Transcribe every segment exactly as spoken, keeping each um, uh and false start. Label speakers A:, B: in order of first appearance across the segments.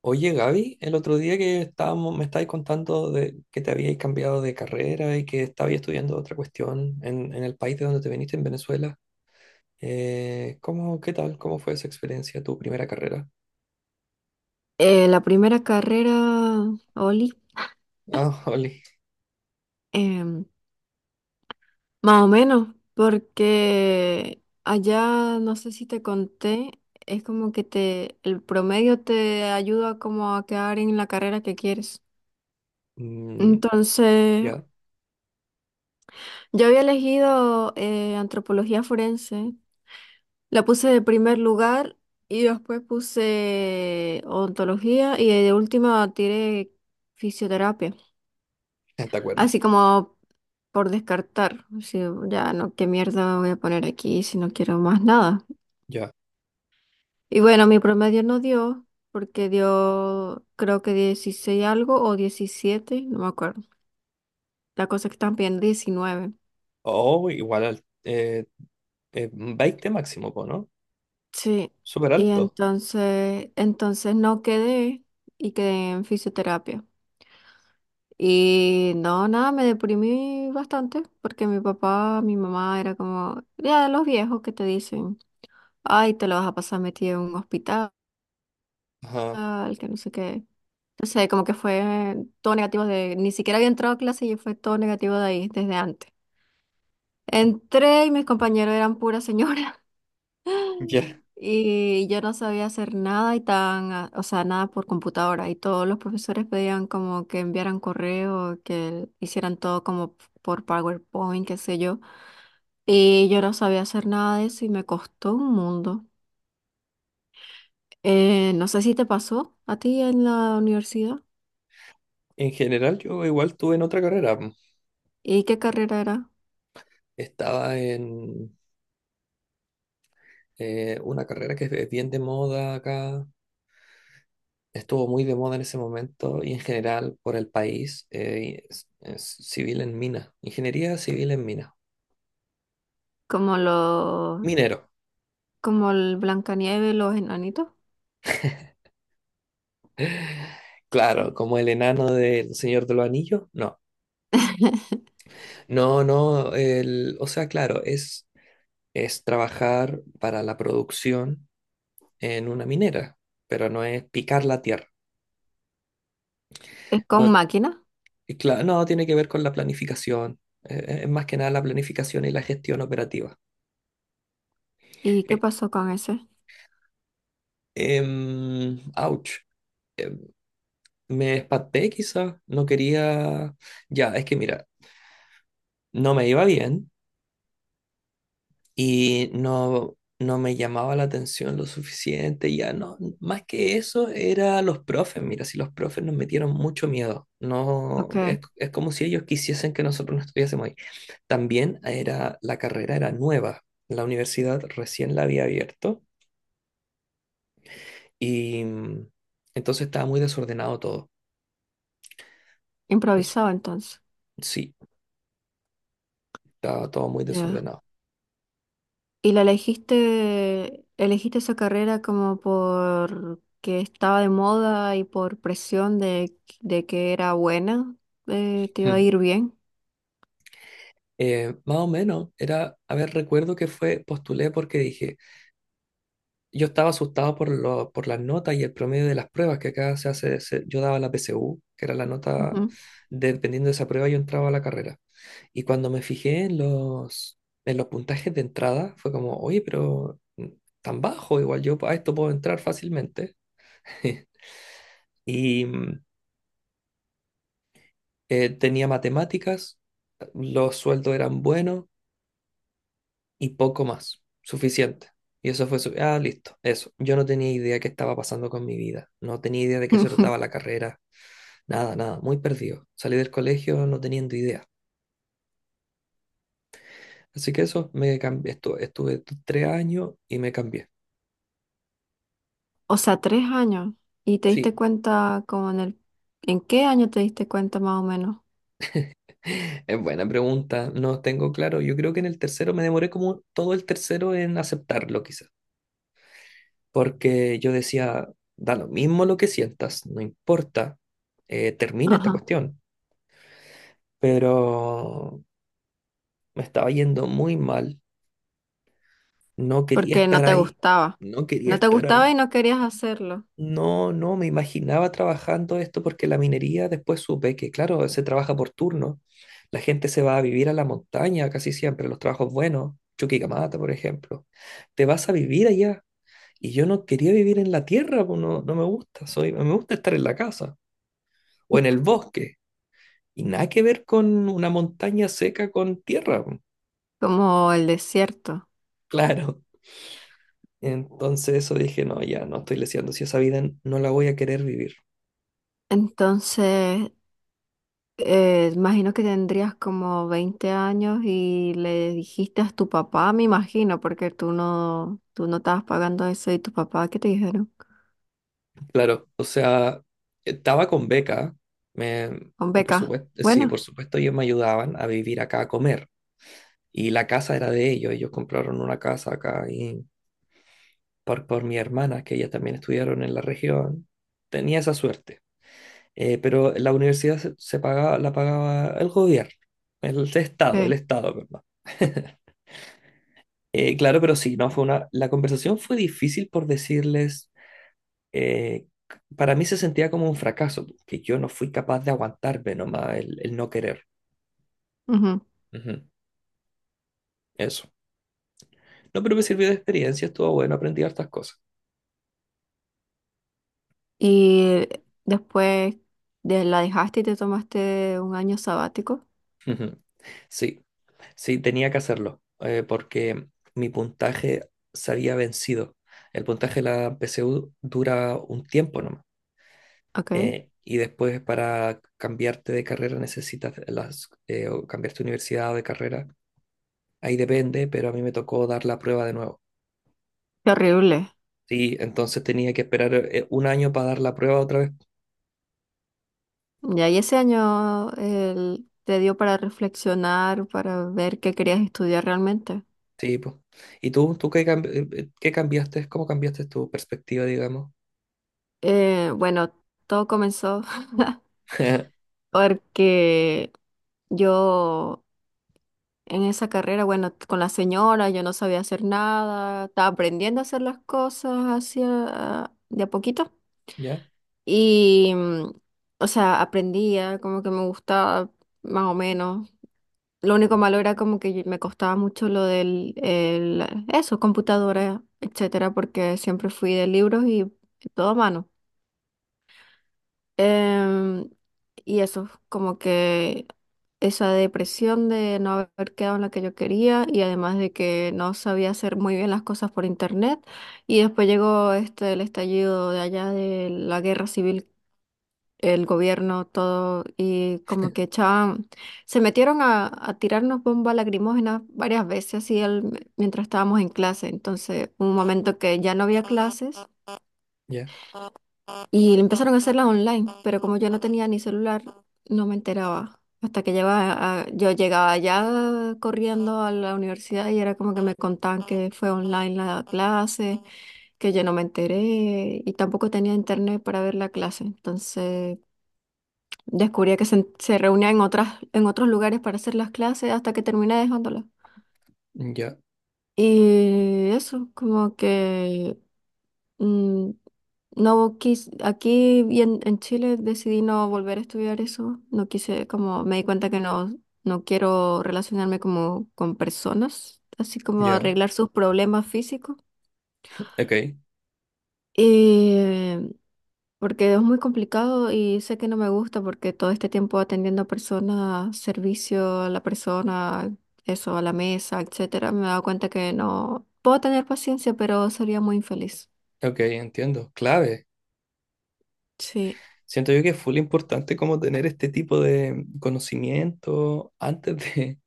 A: Oye, Gaby, el otro día que estábamos, me estabais contando de que te habíais cambiado de carrera y que estabais estudiando otra cuestión en, en el país de donde te viniste, en Venezuela. Eh, ¿cómo, qué tal? ¿Cómo fue esa experiencia, tu primera carrera?
B: Eh, la primera carrera, Oli,
A: Ah, Oli.
B: em, más o menos, porque allá, no sé si te conté, es como que te, el promedio te ayuda como a quedar en la carrera que quieres.
A: Mm,
B: Entonces,
A: ya.
B: yo había elegido eh, antropología forense, la puse de primer lugar y después puse odontología y de última tiré fisioterapia.
A: ¿Te acuerdas?
B: Así como por descartar, si ya no, qué mierda voy a poner aquí si no quiero más nada.
A: Ya.
B: Y bueno, mi promedio no dio, porque dio creo que dieciséis algo o diecisiete, no me acuerdo. La cosa es que están pidiendo diecinueve.
A: Oh, igual al eh, eh, veinte máximo, po, ¿no?
B: Sí.
A: Súper
B: Y
A: alto.
B: entonces, entonces no quedé y quedé en fisioterapia. Y no, nada, me deprimí bastante porque mi papá, mi mamá era como, ya de los viejos que te dicen, ay, te lo vas a pasar metido en un hospital
A: Ajá.
B: al que no sé qué. No sé, como que fue todo negativo de, ni siquiera había entrado a clase y fue todo negativo de ahí desde antes. Entré y mis compañeros eran pura señora
A: Ya.
B: y yo no sabía hacer nada y tan, ah, o sea, nada por computadora y todos los profesores pedían como que enviaran correo, que hicieran todo como por PowerPoint, qué sé yo. Y yo no sabía hacer nada de eso y me costó un mundo. Eh, no sé si te pasó a ti en la universidad
A: En general, yo igual estuve en otra carrera. Mm.
B: y qué carrera era.
A: Estaba en eh, una carrera que es bien de moda acá, estuvo muy de moda en ese momento y en general por el país, eh, es- es civil en mina, ingeniería civil en mina,
B: Como los,
A: minero.
B: como el Blancanieves, los enanitos.
A: Claro, como el enano del Señor de los Anillos, no. No, no, el, o sea, claro, es, es trabajar para la producción en una minera, pero no es picar la tierra.
B: Es con
A: No,
B: máquina.
A: y cla- no tiene que ver con la planificación, eh, es más que nada la planificación y la gestión operativa.
B: ¿Y qué
A: Eh,
B: pasó con ese?
A: em, ouch. eh, me espanté quizás, no quería, ya, es que mira, no me iba bien y no, no me llamaba la atención lo suficiente, ya no, más que eso era los profes, mira, si los profes nos metieron mucho miedo, no,
B: Ok,
A: es, es como si ellos quisiesen que nosotros no estuviésemos ahí. También era, la carrera era nueva, la universidad recién la había abierto y mm, entonces estaba muy desordenado todo. Es-
B: improvisado entonces.
A: sí, estaba todo muy
B: Ya.
A: desordenado.
B: ¿Y la elegiste, elegiste esa carrera como por que estaba de moda y por presión de, de que era buena? Eh, ¿te iba a ir bien?
A: Eh, más o menos, era, a ver, recuerdo que fue, postulé porque dije, yo estaba asustado por, lo, por las notas y el promedio de las pruebas que acá se hace, se- yo daba la P S U, que era la nota,
B: Ujú.
A: dependiendo de esa prueba yo entraba a la carrera. Y cuando me fijé en los, en los puntajes de entrada, fue como, oye, pero mm, tan bajo, igual yo a esto puedo entrar fácilmente. Y mm, eh, tenía matemáticas, los sueldos eran buenos y poco más, suficiente. Y eso fue su... Ah, listo, eso. Yo no tenía idea qué estaba pasando con mi vida, no tenía idea de qué se trataba la carrera, nada, nada, muy perdido. Salí del colegio no teniendo idea. Así que eso, me cambié, estuve, estuve tres años y me cambié.
B: O sea, tres años. ¿Y te
A: Sí,
B: diste cuenta como en el... ¿En qué año te diste cuenta más o menos?
A: es buena pregunta, no tengo claro. Yo creo que en el tercero me demoré como todo el tercero en aceptarlo quizás, porque yo decía, da lo mismo lo que sientas, no importa, eh, termina esta
B: Ajá.
A: cuestión. Pero Me estaba yendo muy mal. No quería
B: Porque no
A: estar
B: te
A: ahí.
B: gustaba.
A: No quería
B: No te
A: estar
B: gustaba
A: ahí.
B: y no querías hacerlo,
A: No, no, me imaginaba trabajando esto porque la minería después supe que, claro, se trabaja por turno. La gente se va a vivir a la montaña casi siempre, los trabajos buenos, Chuquicamata, por ejemplo. Te vas a vivir allá. Y yo no quería vivir en la tierra, pues, no, no me gusta. Soy, me gusta estar en la casa o en el bosque. Y nada que ver con una montaña seca con tierra, pues.
B: como el desierto.
A: Claro. Entonces eso dije, no, ya no estoy leseando, si esa vida no la voy a querer vivir.
B: Entonces, eh, imagino que tendrías como veinte años y le dijiste a tu papá, me imagino, porque tú no, tú no estabas pagando eso y tu papá, ¿qué te dijeron?
A: Claro, o sea, estaba con beca, me,
B: Con
A: por
B: beca.
A: supuesto, sí,
B: Bueno,
A: por supuesto ellos me ayudaban a vivir acá, a comer, y la casa era de ellos, ellos compraron una casa acá y por, por mi hermana, que ella también estudiaron en la región, tenía esa suerte. Eh, pero la universidad se, se pagaba, la pagaba el gobierno, el Estado, el
B: sí.
A: Estado, perdón. Eh, claro, pero sí, no fue una. La conversación fue difícil por decirles, eh, para mí se sentía como un fracaso, que yo no fui capaz de aguantarme nomás el, el no querer.
B: Ujú.
A: Ujú, Eso. No, pero me sirvió de experiencia, estuvo bueno, aprendí hartas cosas.
B: Y después de, la dejaste y te tomaste un año sabático.
A: Ujú. Sí, sí, tenía que hacerlo, eh, porque mi puntaje se había vencido. El puntaje de la P S U dura un tiempo nomás.
B: Ok.
A: eh, y después para cambiarte de carrera necesitas las, eh, o cambiarte de universidad o de carrera. Ahí depende, pero a mí me tocó dar la prueba de nuevo.
B: Qué horrible.
A: Sí, entonces tenía que esperar eh, un año para dar la prueba otra vez.
B: Ya, y ese año el- te dio para reflexionar, para ver qué querías estudiar realmente.
A: Sí, pues. ¿Y tú, tú qué, cam- eh, eh, qué cambiaste? ¿Cómo cambiaste tu perspectiva, digamos?
B: Eh, bueno, todo comenzó porque yo en esa carrera, bueno, con la señora, yo no sabía hacer nada, estaba aprendiendo a hacer las cosas así a- de a poquito.
A: Ya,
B: Y, mm, o sea, aprendía, como que me gustaba más o menos. Lo único malo era como que me costaba mucho lo del, el- eso, computadora, etcétera, porque siempre fui de libros y todo a mano. Em, y eso, como que esa depresión de no haber quedado en la que yo quería y además de que no sabía hacer muy bien las cosas por internet. Y después llegó este, el estallido de allá de la guerra civil, el gobierno, todo, y como que echaban, se metieron a, a tirarnos bombas lacrimógenas varias veces, así al- mientras estábamos en clase. Entonces, un momento que ya no había clases
A: ya,
B: y empezaron a hacerlas online, pero como yo no tenía ni celular, no me enteraba. Hasta que llegaba a- yo llegaba ya corriendo a la universidad y era como que me contaban que fue online la clase, que yo no me enteré y tampoco tenía internet para ver la clase. Entonces, descubría que se, se reunía en otras, en otros lugares para hacer las clases hasta que terminé dejándola.
A: ya,
B: Y eso, como que mm, no quise aquí y en, en Chile decidí no volver a estudiar eso. No quise, como me di cuenta que no, no quiero relacionarme como con personas, así como
A: ya.
B: arreglar sus problemas físicos.
A: Ok,
B: Eh, porque es muy complicado y sé que no me gusta porque todo este tiempo atendiendo a personas, servicio a la persona, eso, a la mesa, etcétera, me he dado cuenta que no puedo tener paciencia, pero sería muy infeliz.
A: ok, entiendo. Clave.
B: Sí,
A: Siento yo que es full importante como tener este tipo de conocimiento antes de,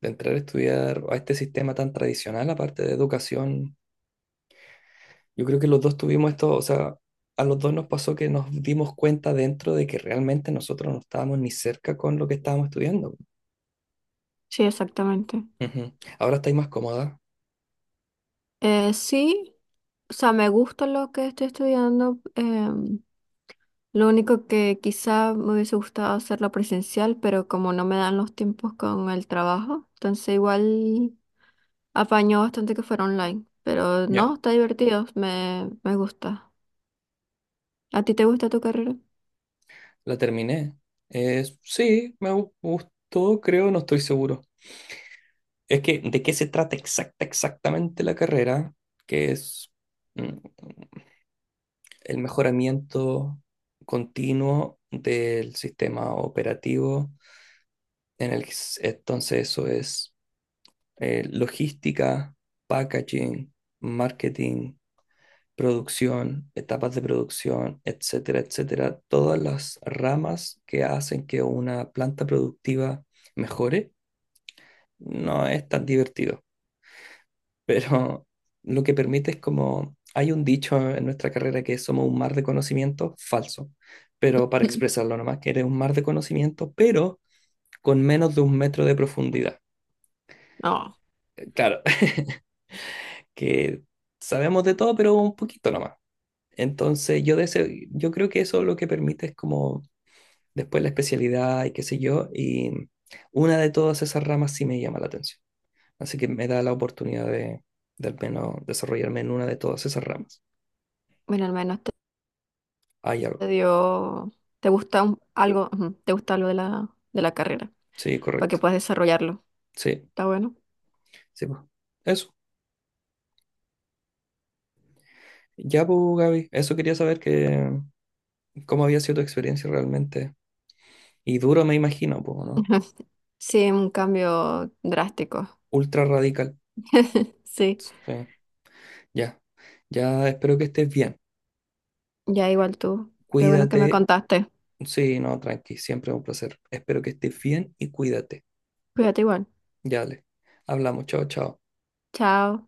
A: de entrar a estudiar a este sistema tan tradicional, aparte de educación. Yo creo que los dos tuvimos esto, o sea, a los dos nos pasó que nos dimos cuenta dentro de que realmente nosotros no estábamos ni cerca con lo que estábamos estudiando.
B: sí, exactamente.
A: Ujú. Ahora estáis más cómoda.
B: Eh, sí, o sea, me gusta lo que estoy estudiando. Em, lo único que quizá me hubiese gustado hacerlo presencial, pero como no me dan los tiempos con el trabajo, entonces igual apañó bastante que fuera online. Pero
A: Ya,
B: no, está divertido, me, me gusta. ¿A ti te gusta tu carrera?
A: la terminé. Es- sí, me gu- gustó, creo, no estoy seguro. Es que, ¿de qué se trata exacta, exactamente la carrera? Que es mm, el mejoramiento continuo del sistema operativo. En el, entonces, eso es eh, logística, packaging, marketing, producción, etapas de producción, etcétera, etcétera. Todas las ramas que hacen que una planta productiva mejore, no es tan divertido. Pero lo que permite es como, hay un dicho en nuestra carrera que somos un mar de conocimiento falso, pero para expresarlo nomás, que eres un mar de conocimiento, pero con menos de un metro de profundidad.
B: No,
A: Eh, Claro, que sabemos de todo, pero un poquito nomás. Entonces, yo, de ese- yo creo que eso lo que permite es como después la especialidad y qué sé yo, y una de todas esas ramas sí me llama la atención. Así que me da la oportunidad de, de al menos desarrollarme en una de todas esas ramas.
B: bueno, al menos te
A: Hay
B: te
A: algo.
B: dio, te gusta un- algo, ujú, te gusta algo de la, de la carrera,
A: Sí,
B: para que
A: correcto.
B: puedas desarrollarlo.
A: Sí,
B: ¿Está bueno?
A: sí, pues. Eso. Ya, pues, Gaby, eso quería saber que cómo había sido tu experiencia realmente. Y duro me imagino, pues, ¿no?
B: Sí, un cambio drástico.
A: Ultra radical.
B: Sí,
A: Sí, ya. Ya espero que estés bien.
B: ya igual tú. Qué bueno que me
A: Cuídate.
B: contaste.
A: Sí, no, tranqui, siempre un placer. Espero que estés bien y cuídate.
B: Cuídate igual.
A: Ya le. Hablamos, chao, chao.
B: Chao.